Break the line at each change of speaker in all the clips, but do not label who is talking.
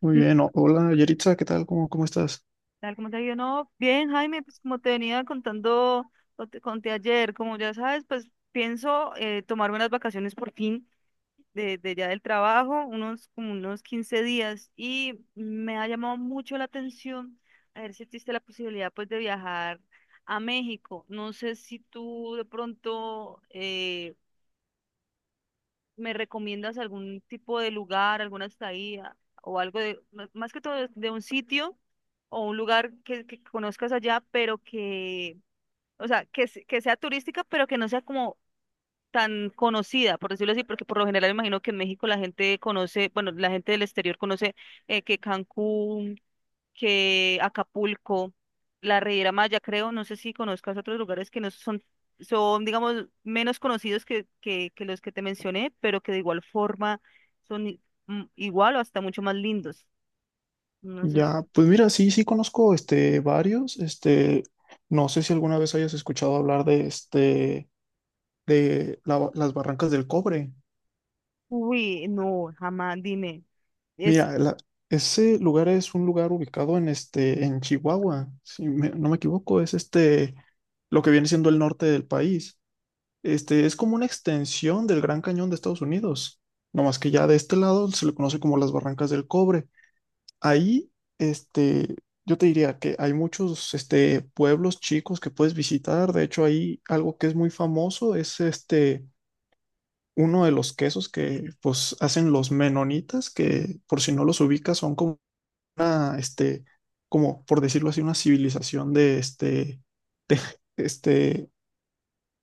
Muy
Mm.
bien, hola Yeritza, ¿qué tal? ¿Cómo estás?
Tal como te digo, no, bien, Jaime, pues como te venía contando, o te conté ayer, como ya sabes, pues pienso tomarme unas vacaciones por fin de ya del trabajo, unos como unos 15 días, y me ha llamado mucho la atención a ver si existe la posibilidad pues de viajar a México. No sé si tú de pronto ¿me recomiendas algún tipo de lugar, alguna estadía o algo de, más que todo de un sitio o un lugar que conozcas allá, pero que, o sea, que, que sea turística, pero que no sea como tan conocida, por decirlo así? Porque por lo general imagino que en México la gente conoce, bueno, la gente del exterior conoce, que Cancún, que Acapulco, la Riviera Maya, creo. No sé si conozcas otros lugares que no son, digamos, menos conocidos que los que te mencioné, pero que de igual forma son igual o hasta mucho más lindos. No sé si-.
Ya, pues mira, sí, sí conozco varios, no sé si alguna vez hayas escuchado hablar de de la las Barrancas del Cobre.
Uy, no, jamás, dime. Es,
Mira, la- Ese lugar es un lugar ubicado en en Chihuahua, si no me equivoco, es lo que viene siendo el norte del país. Es como una extensión del Gran Cañón de Estados Unidos, no más que ya de este lado se le conoce como las Barrancas del Cobre. Ahí, este, yo te diría que hay muchos pueblos chicos que puedes visitar. De hecho, ahí algo que es muy famoso es uno de los quesos que, pues, hacen los menonitas, que por si no los ubicas, son como una como por decirlo así, una civilización de este,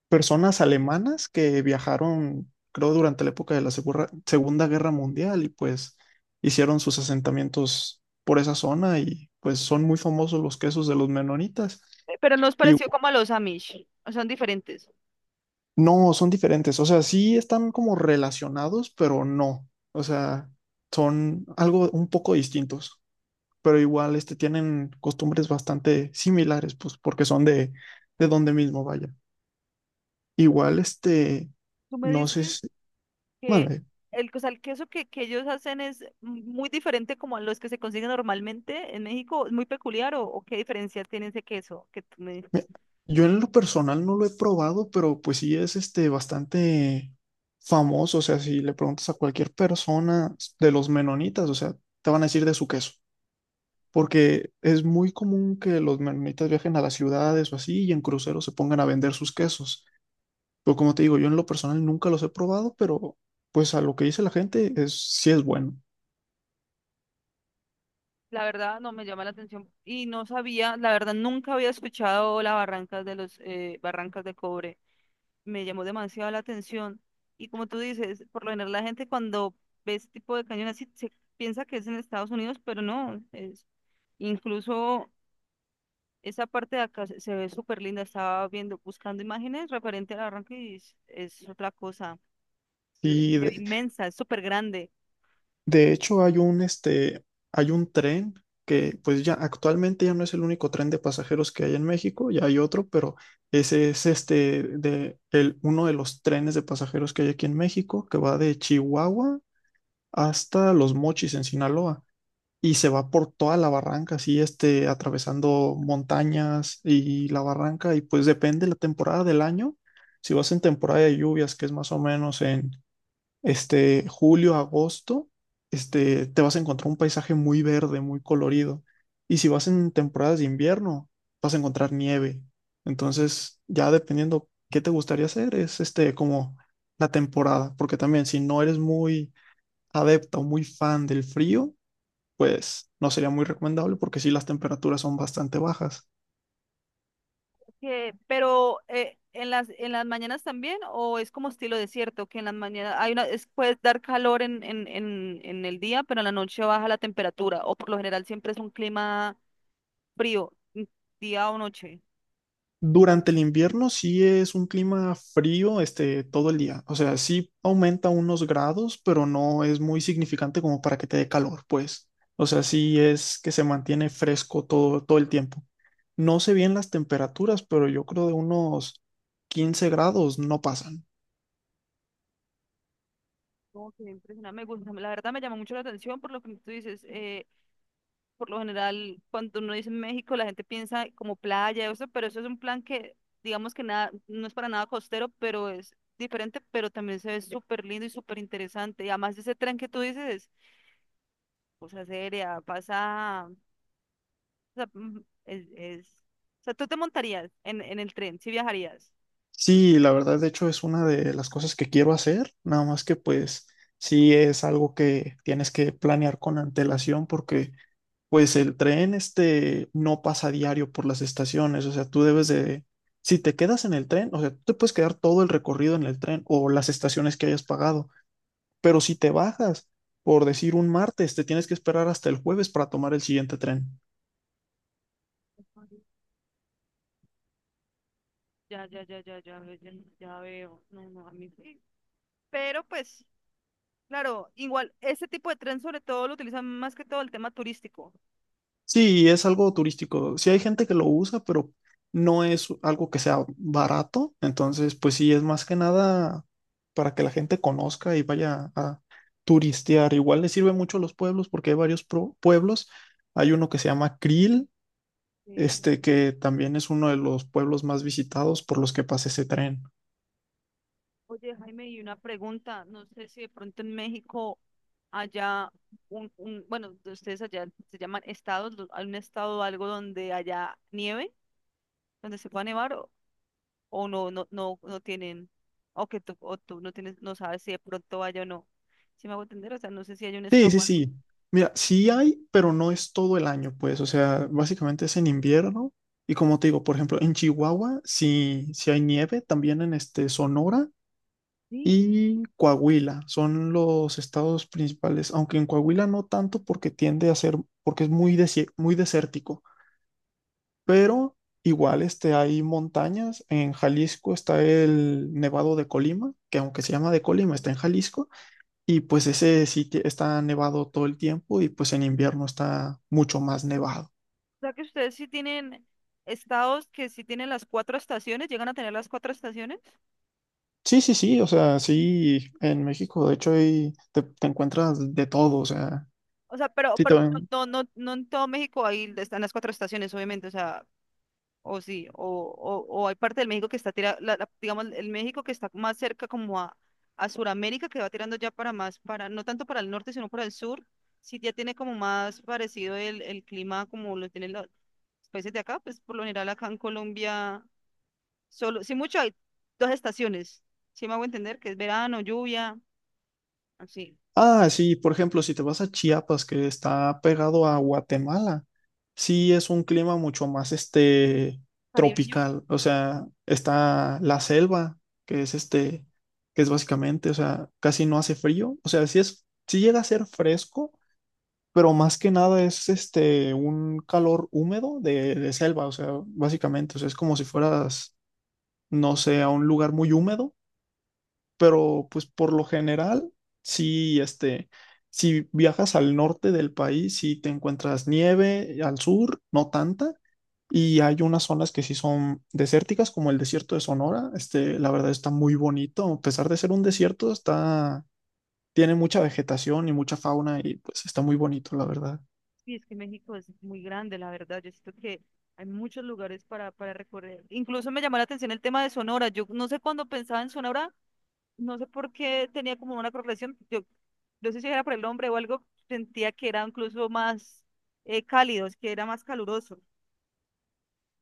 personas alemanas que viajaron, creo, durante la época de la Segunda Guerra Mundial y pues hicieron sus asentamientos por esa zona y pues son muy famosos los quesos de los menonitas.
pero nos
Y
pareció como a los Amish, son diferentes.
no, son diferentes, o sea, sí están como relacionados, pero no, o sea, son algo un poco distintos, pero igual tienen costumbres bastante similares, pues porque son de donde mismo, vaya. Igual
¿Tú me
no sé
dices
si...
que
Mande.
el, o sea, el queso que ellos hacen es muy diferente como a los que se consiguen normalmente en México? ¿Es muy peculiar o qué diferencia tiene ese queso que tú me...?
Me- Yo en lo personal no lo he probado, pero pues sí es este bastante famoso. O sea, si le preguntas a cualquier persona de los menonitas, o sea, te van a decir de su queso. Porque es muy común que los menonitas viajen a las ciudades o así y en cruceros se pongan a vender sus quesos. Pero como te digo, yo en lo personal nunca los he probado, pero pues a lo que dice la gente es sí es bueno.
La verdad no me llama la atención y no sabía, la verdad nunca había escuchado las barrancas de los, barrancas de cobre, me llamó demasiado la atención. Y como tú dices, por lo general la gente cuando ve este tipo de cañón así se piensa que es en Estados Unidos, pero no, es incluso, esa parte de acá se ve súper linda. Estaba viendo, buscando imágenes referente al arranque y es otra cosa. Es,
Y de
inmensa, es súper grande.
De hecho, hay un hay un tren que pues ya actualmente ya no es el único tren de pasajeros que hay en México, ya hay otro, pero ese es uno de los trenes de pasajeros que hay aquí en México, que va de Chihuahua hasta Los Mochis en Sinaloa y se va por toda la barranca, así atravesando montañas y la barranca y pues depende la temporada del año. Si vas en temporada de lluvias, que es más o menos en julio, agosto, te vas a encontrar un paisaje muy verde, muy colorido. Y si vas en temporadas de invierno, vas a encontrar nieve. Entonces, ya dependiendo qué te gustaría hacer, es como la temporada, porque también si no eres muy adepta o muy fan del frío, pues no sería muy recomendable porque sí las temperaturas son bastante bajas.
Pero en las mañanas también, o es como estilo desierto, que en las mañanas hay una, es, puede dar calor en, en el día, pero en la noche baja la temperatura, o por lo general siempre es un clima frío, día o noche.
Durante el invierno sí es un clima frío, todo el día. O sea, sí aumenta unos grados, pero no es muy significante como para que te dé calor, pues. O sea, sí es que se mantiene fresco todo el tiempo. No sé bien las temperaturas, pero yo creo de unos 15 grados no pasan.
Como que impresionante, me gusta, la verdad me llama mucho la atención por lo que tú dices. Por lo general, cuando uno dice México, la gente piensa como playa, eso, pero eso es un plan que, digamos que nada, no es para nada costero, pero es diferente, pero también se ve súper lindo y súper interesante. Y además de ese tren que tú dices, cosa seria, pasa, o sea, mm, es, es-. O sea, ¿tú te montarías en el tren, si viajarías?
Sí, la verdad, de hecho, es una de las cosas que quiero hacer, nada más que pues sí es algo que tienes que planear con antelación porque pues el tren este no pasa diario por las estaciones, o sea, si te quedas en el tren, o sea, tú te puedes quedar todo el recorrido en el tren o las estaciones que hayas pagado, pero si te bajas, por decir un martes, te tienes que esperar hasta el jueves para tomar el siguiente tren.
Ya, ya, ya, ya, ya, ya, ya veo. No, no, a mí sí. Pero pues, claro, igual, este tipo de tren sobre todo lo utilizan más que todo el tema turístico.
Sí, es algo turístico. Sí hay gente que lo usa, pero no es algo que sea barato. Entonces, pues sí, es más que nada para que la gente conozca y vaya a turistear. Igual le sirve mucho a los pueblos porque hay varios pueblos. Hay uno que se llama Krill,
Sí.
que también es uno de los pueblos más visitados por los que pasa ese tren.
Oye, Jaime, y una pregunta, no sé si de pronto en México haya un, bueno, de ustedes allá se llaman estados, hay un estado o algo donde haya nieve, donde se pueda nevar o no, no, no, no tienen, o que tú, o tú no tienes, no sabes si de pronto haya o no. ¿Si me hago entender? O sea, no sé si hay un
Sí,
estado
sí,
o algo.
sí. Mira, sí hay, pero no es todo el año, pues. O sea, básicamente es en invierno. Y como te digo, por ejemplo, en Chihuahua sí, sí hay nieve, también en Sonora
Sí,
y Coahuila son los estados principales, aunque en Coahuila no tanto porque tiende a ser, porque es muy desértico, pero igual hay montañas. En Jalisco está el Nevado de Colima, que aunque se llama de Colima, está en Jalisco. Y pues ese sitio está nevado todo el tiempo y pues en invierno está mucho más nevado.
o sea que ustedes sí tienen estados que sí tienen las cuatro estaciones, llegan a tener las cuatro estaciones.
Sí, sí, sí, o sea, sí, en México de hecho te encuentras de todo, o sea,
O sea, pero,
sí te ven.
no, no, no en todo México ahí están las cuatro estaciones, obviamente. O sea, o sí, o, hay parte del México que está tirando, digamos, el México que está más cerca como a, Sudamérica, que va tirando ya para más, para, no tanto para el norte, sino para el sur, sí ya tiene como más parecido el clima como lo tienen los países de acá, pues por lo general acá en Colombia, solo, sí mucho hay dos estaciones, sí me hago entender, que es verano, lluvia, así.
Ah, sí, por ejemplo, si te vas a Chiapas, que está pegado a Guatemala, sí es un clima mucho más
Caribeño.
tropical, o sea, está la selva, que es este, que es básicamente, o sea, casi no hace frío, o sea, sí es, sí llega a ser fresco pero más que nada es un calor húmedo de selva, o sea, básicamente, o sea, es como si fueras, no sé, a un lugar muy húmedo, pero pues por lo general, sí, si viajas al norte del país, sí te encuentras nieve, al sur, no tanta. Y hay unas zonas que sí son desérticas, como el desierto de Sonora. La verdad está muy bonito. A pesar de ser un desierto, está, tiene mucha vegetación y mucha fauna y pues está muy bonito, la verdad.
Y es que México es muy grande, la verdad. Yo siento que hay muchos lugares para recorrer. Incluso me llamó la atención el tema de Sonora. Yo no sé, cuando pensaba en Sonora, no sé por qué tenía como una correlación. Yo no sé si era por el nombre o algo, sentía que era incluso más cálido, es que era más caluroso,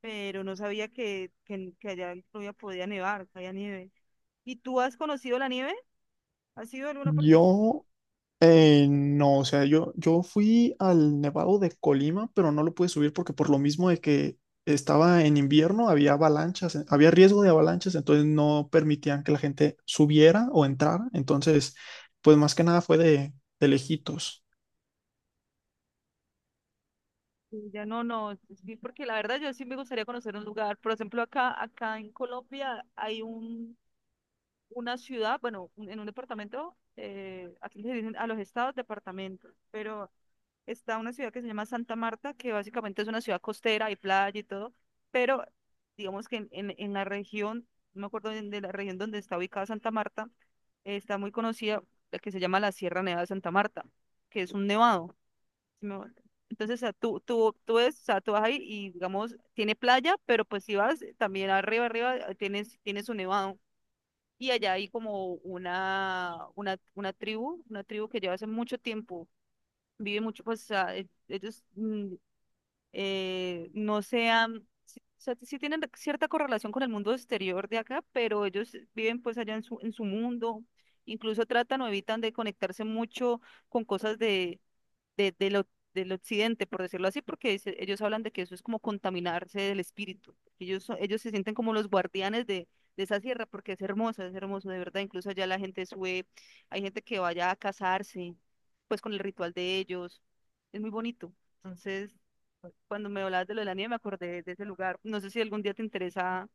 pero no sabía que allá en Colombia podía nevar, que había nieve. ¿Y tú has conocido la nieve? ¿Has ido a alguna parte?
Yo no, o sea, yo fui al Nevado de Colima, pero no lo pude subir porque por lo mismo de que estaba en invierno, había avalanchas, había riesgo de avalanchas, entonces no permitían que la gente subiera o entrara. Entonces, pues más que nada fue de lejitos.
Sí. Ya no, no, sí, porque la verdad yo sí me gustaría conocer un lugar. Por ejemplo, acá, en Colombia hay un, una ciudad, bueno, en un departamento. Aquí se dicen a los estados departamentos, pero está una ciudad que se llama Santa Marta, que básicamente es una ciudad costera, hay playa y todo, pero digamos que en, la región, no me acuerdo de la región donde está ubicada Santa Marta. Está muy conocida la que se llama la Sierra Nevada de Santa Marta, que es un nevado, sí me vuelvo. Entonces, o sea, tú, es, o sea, tú vas ahí y, digamos, tiene playa, pero pues si vas, también arriba, arriba, tienes, un nevado. Y allá hay como una tribu, que lleva hace mucho tiempo, vive mucho, pues, o sea, ellos no sean, sí, o sea, sí tienen cierta correlación con el mundo exterior de acá, pero ellos viven pues allá en su mundo. Incluso tratan o evitan de conectarse mucho con cosas de de del occidente, por decirlo así, porque dice-, ellos hablan de que eso es como contaminarse del espíritu. Ellos, ellos se sienten como los guardianes de esa sierra porque es hermosa, es hermoso, de verdad. Incluso allá la gente sube, hay gente que vaya a casarse, pues con el ritual de ellos. Es muy bonito. Entonces, cuando me hablabas de lo de la nieve, me acordé de ese lugar. No sé si algún día te interesa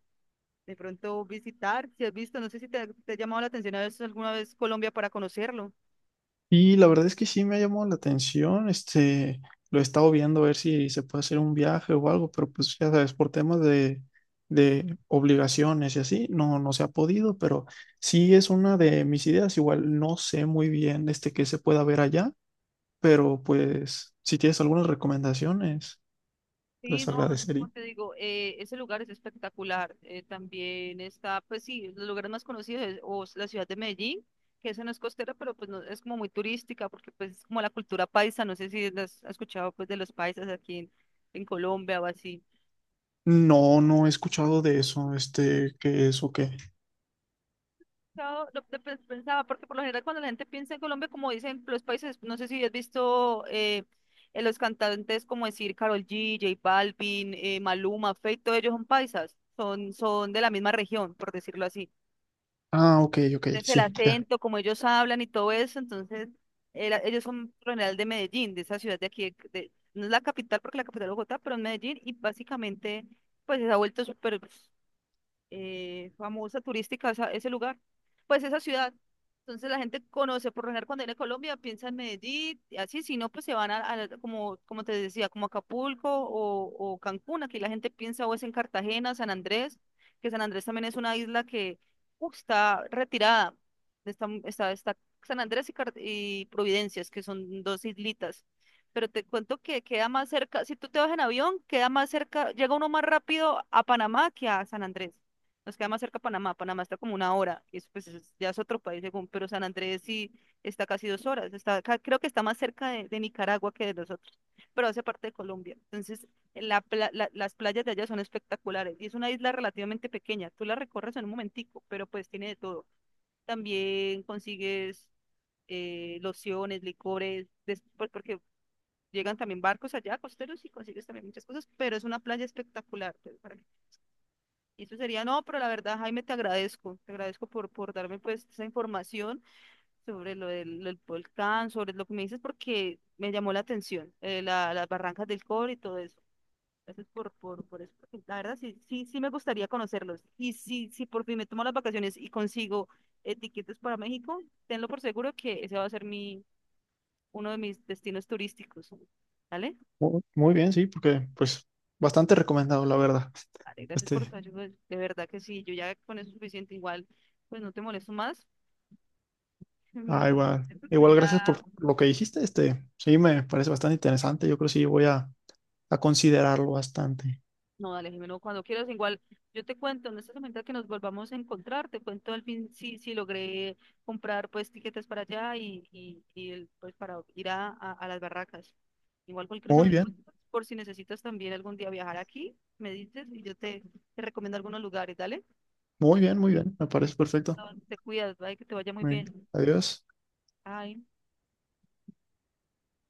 de pronto visitar, si has visto, no sé si te ha llamado la atención a veces alguna vez Colombia para conocerlo.
Y la verdad es que sí me ha llamado la atención, lo he estado viendo a ver si se puede hacer un viaje o algo, pero pues ya sabes, por temas de obligaciones y así, no, no se ha podido, pero sí es una de mis ideas, igual no sé muy bien este qué se pueda ver allá, pero pues si tienes algunas recomendaciones, te
Sí,
las
no, como
agradecería.
te digo, ese lugar es espectacular. También está, pues sí, los lugares más conocidos es, o es la ciudad de Medellín, que esa no es costera, pero pues no, es como muy turística, porque pues es como la cultura paisa. No sé si las has escuchado pues de los paisas aquí en Colombia o así.
No, no he escuchado de eso, este, qué es o qué.
Claro, lo que pensaba, porque por lo general cuando la gente piensa en Colombia, como dicen los países, no sé si has visto, los cantantes como decir Karol G, J Balvin, Maluma, Feid, todos ellos son paisas, son, son de la misma región, por decirlo así.
Ah, ok, ok,
Entonces el
sí, ya.
acento, como ellos hablan y todo eso, entonces ellos son por lo general de Medellín, de esa ciudad de aquí, no es la capital porque la capital es Bogotá, pero es Medellín, y básicamente pues se ha vuelto súper pues, famosa turística ese lugar, pues esa ciudad. Entonces la gente conoce, por lo general cuando viene a Colombia piensa en Medellín, y así, si no, pues se van a como, como te decía, como Acapulco o, Cancún. Aquí la gente piensa o es en Cartagena, San Andrés, que San Andrés también es una isla que, uf, está retirada, está, está, San Andrés y, y Providencias, que son dos islitas. Pero te cuento que queda más cerca, si tú te vas en avión, queda más cerca, llega uno más rápido a Panamá que a San Andrés. Nos queda más cerca Panamá. Panamá está como una hora. Y eso pues es-, ya es otro país según. Pero San Andrés sí está casi 2 horas. Está, creo que está más cerca de Nicaragua que de nosotros. Pero hace parte de Colombia. Entonces, las playas de allá son espectaculares. Y es una isla relativamente pequeña. Tú la recorres en un momentico, pero pues tiene de todo. También consigues, lociones, licores, después porque llegan también barcos allá, costeros, y consigues también muchas cosas, pero es una playa espectacular. Pues, para, y eso sería. No, pero la verdad, Jaime, te agradezco por darme pues esa información sobre lo del volcán, sobre lo que me dices, porque me llamó la atención, las barrancas del cobre y todo eso. Gracias por eso, porque la verdad, sí, sí, sí me gustaría conocerlos. Y si, si por fin me tomo las vacaciones y consigo, tiquetes para México, tenlo por seguro que ese va a ser mi, uno de mis destinos turísticos. ¿Vale?
Muy bien, sí, porque pues bastante recomendado, la verdad.
Vale, gracias por
Este,
tu ayuda. De verdad que sí, yo ya con eso es suficiente. Igual, pues no te molesto más.
Ah, igual.
Siento que
Igual, gracias
ya...
por lo que dijiste. Este, sí, me parece bastante interesante. Yo creo que sí voy a considerarlo bastante.
No, dale, Jimeno, cuando quieras, igual yo te cuento, en esta semana que nos volvamos a encontrar, te cuento al fin si, si logré comprar pues tiquetes para allá, y pues para ir a las barracas. Igual cualquier cosa
Muy
me
bien,
cuentas, por si necesitas también algún día viajar aquí, me dices y yo te recomiendo algunos lugares, dale.
muy bien, muy bien. Me parece perfecto.
Ah, te cuidas, bye, que te vaya muy
Muy bien.
bien.
Adiós.
Ay.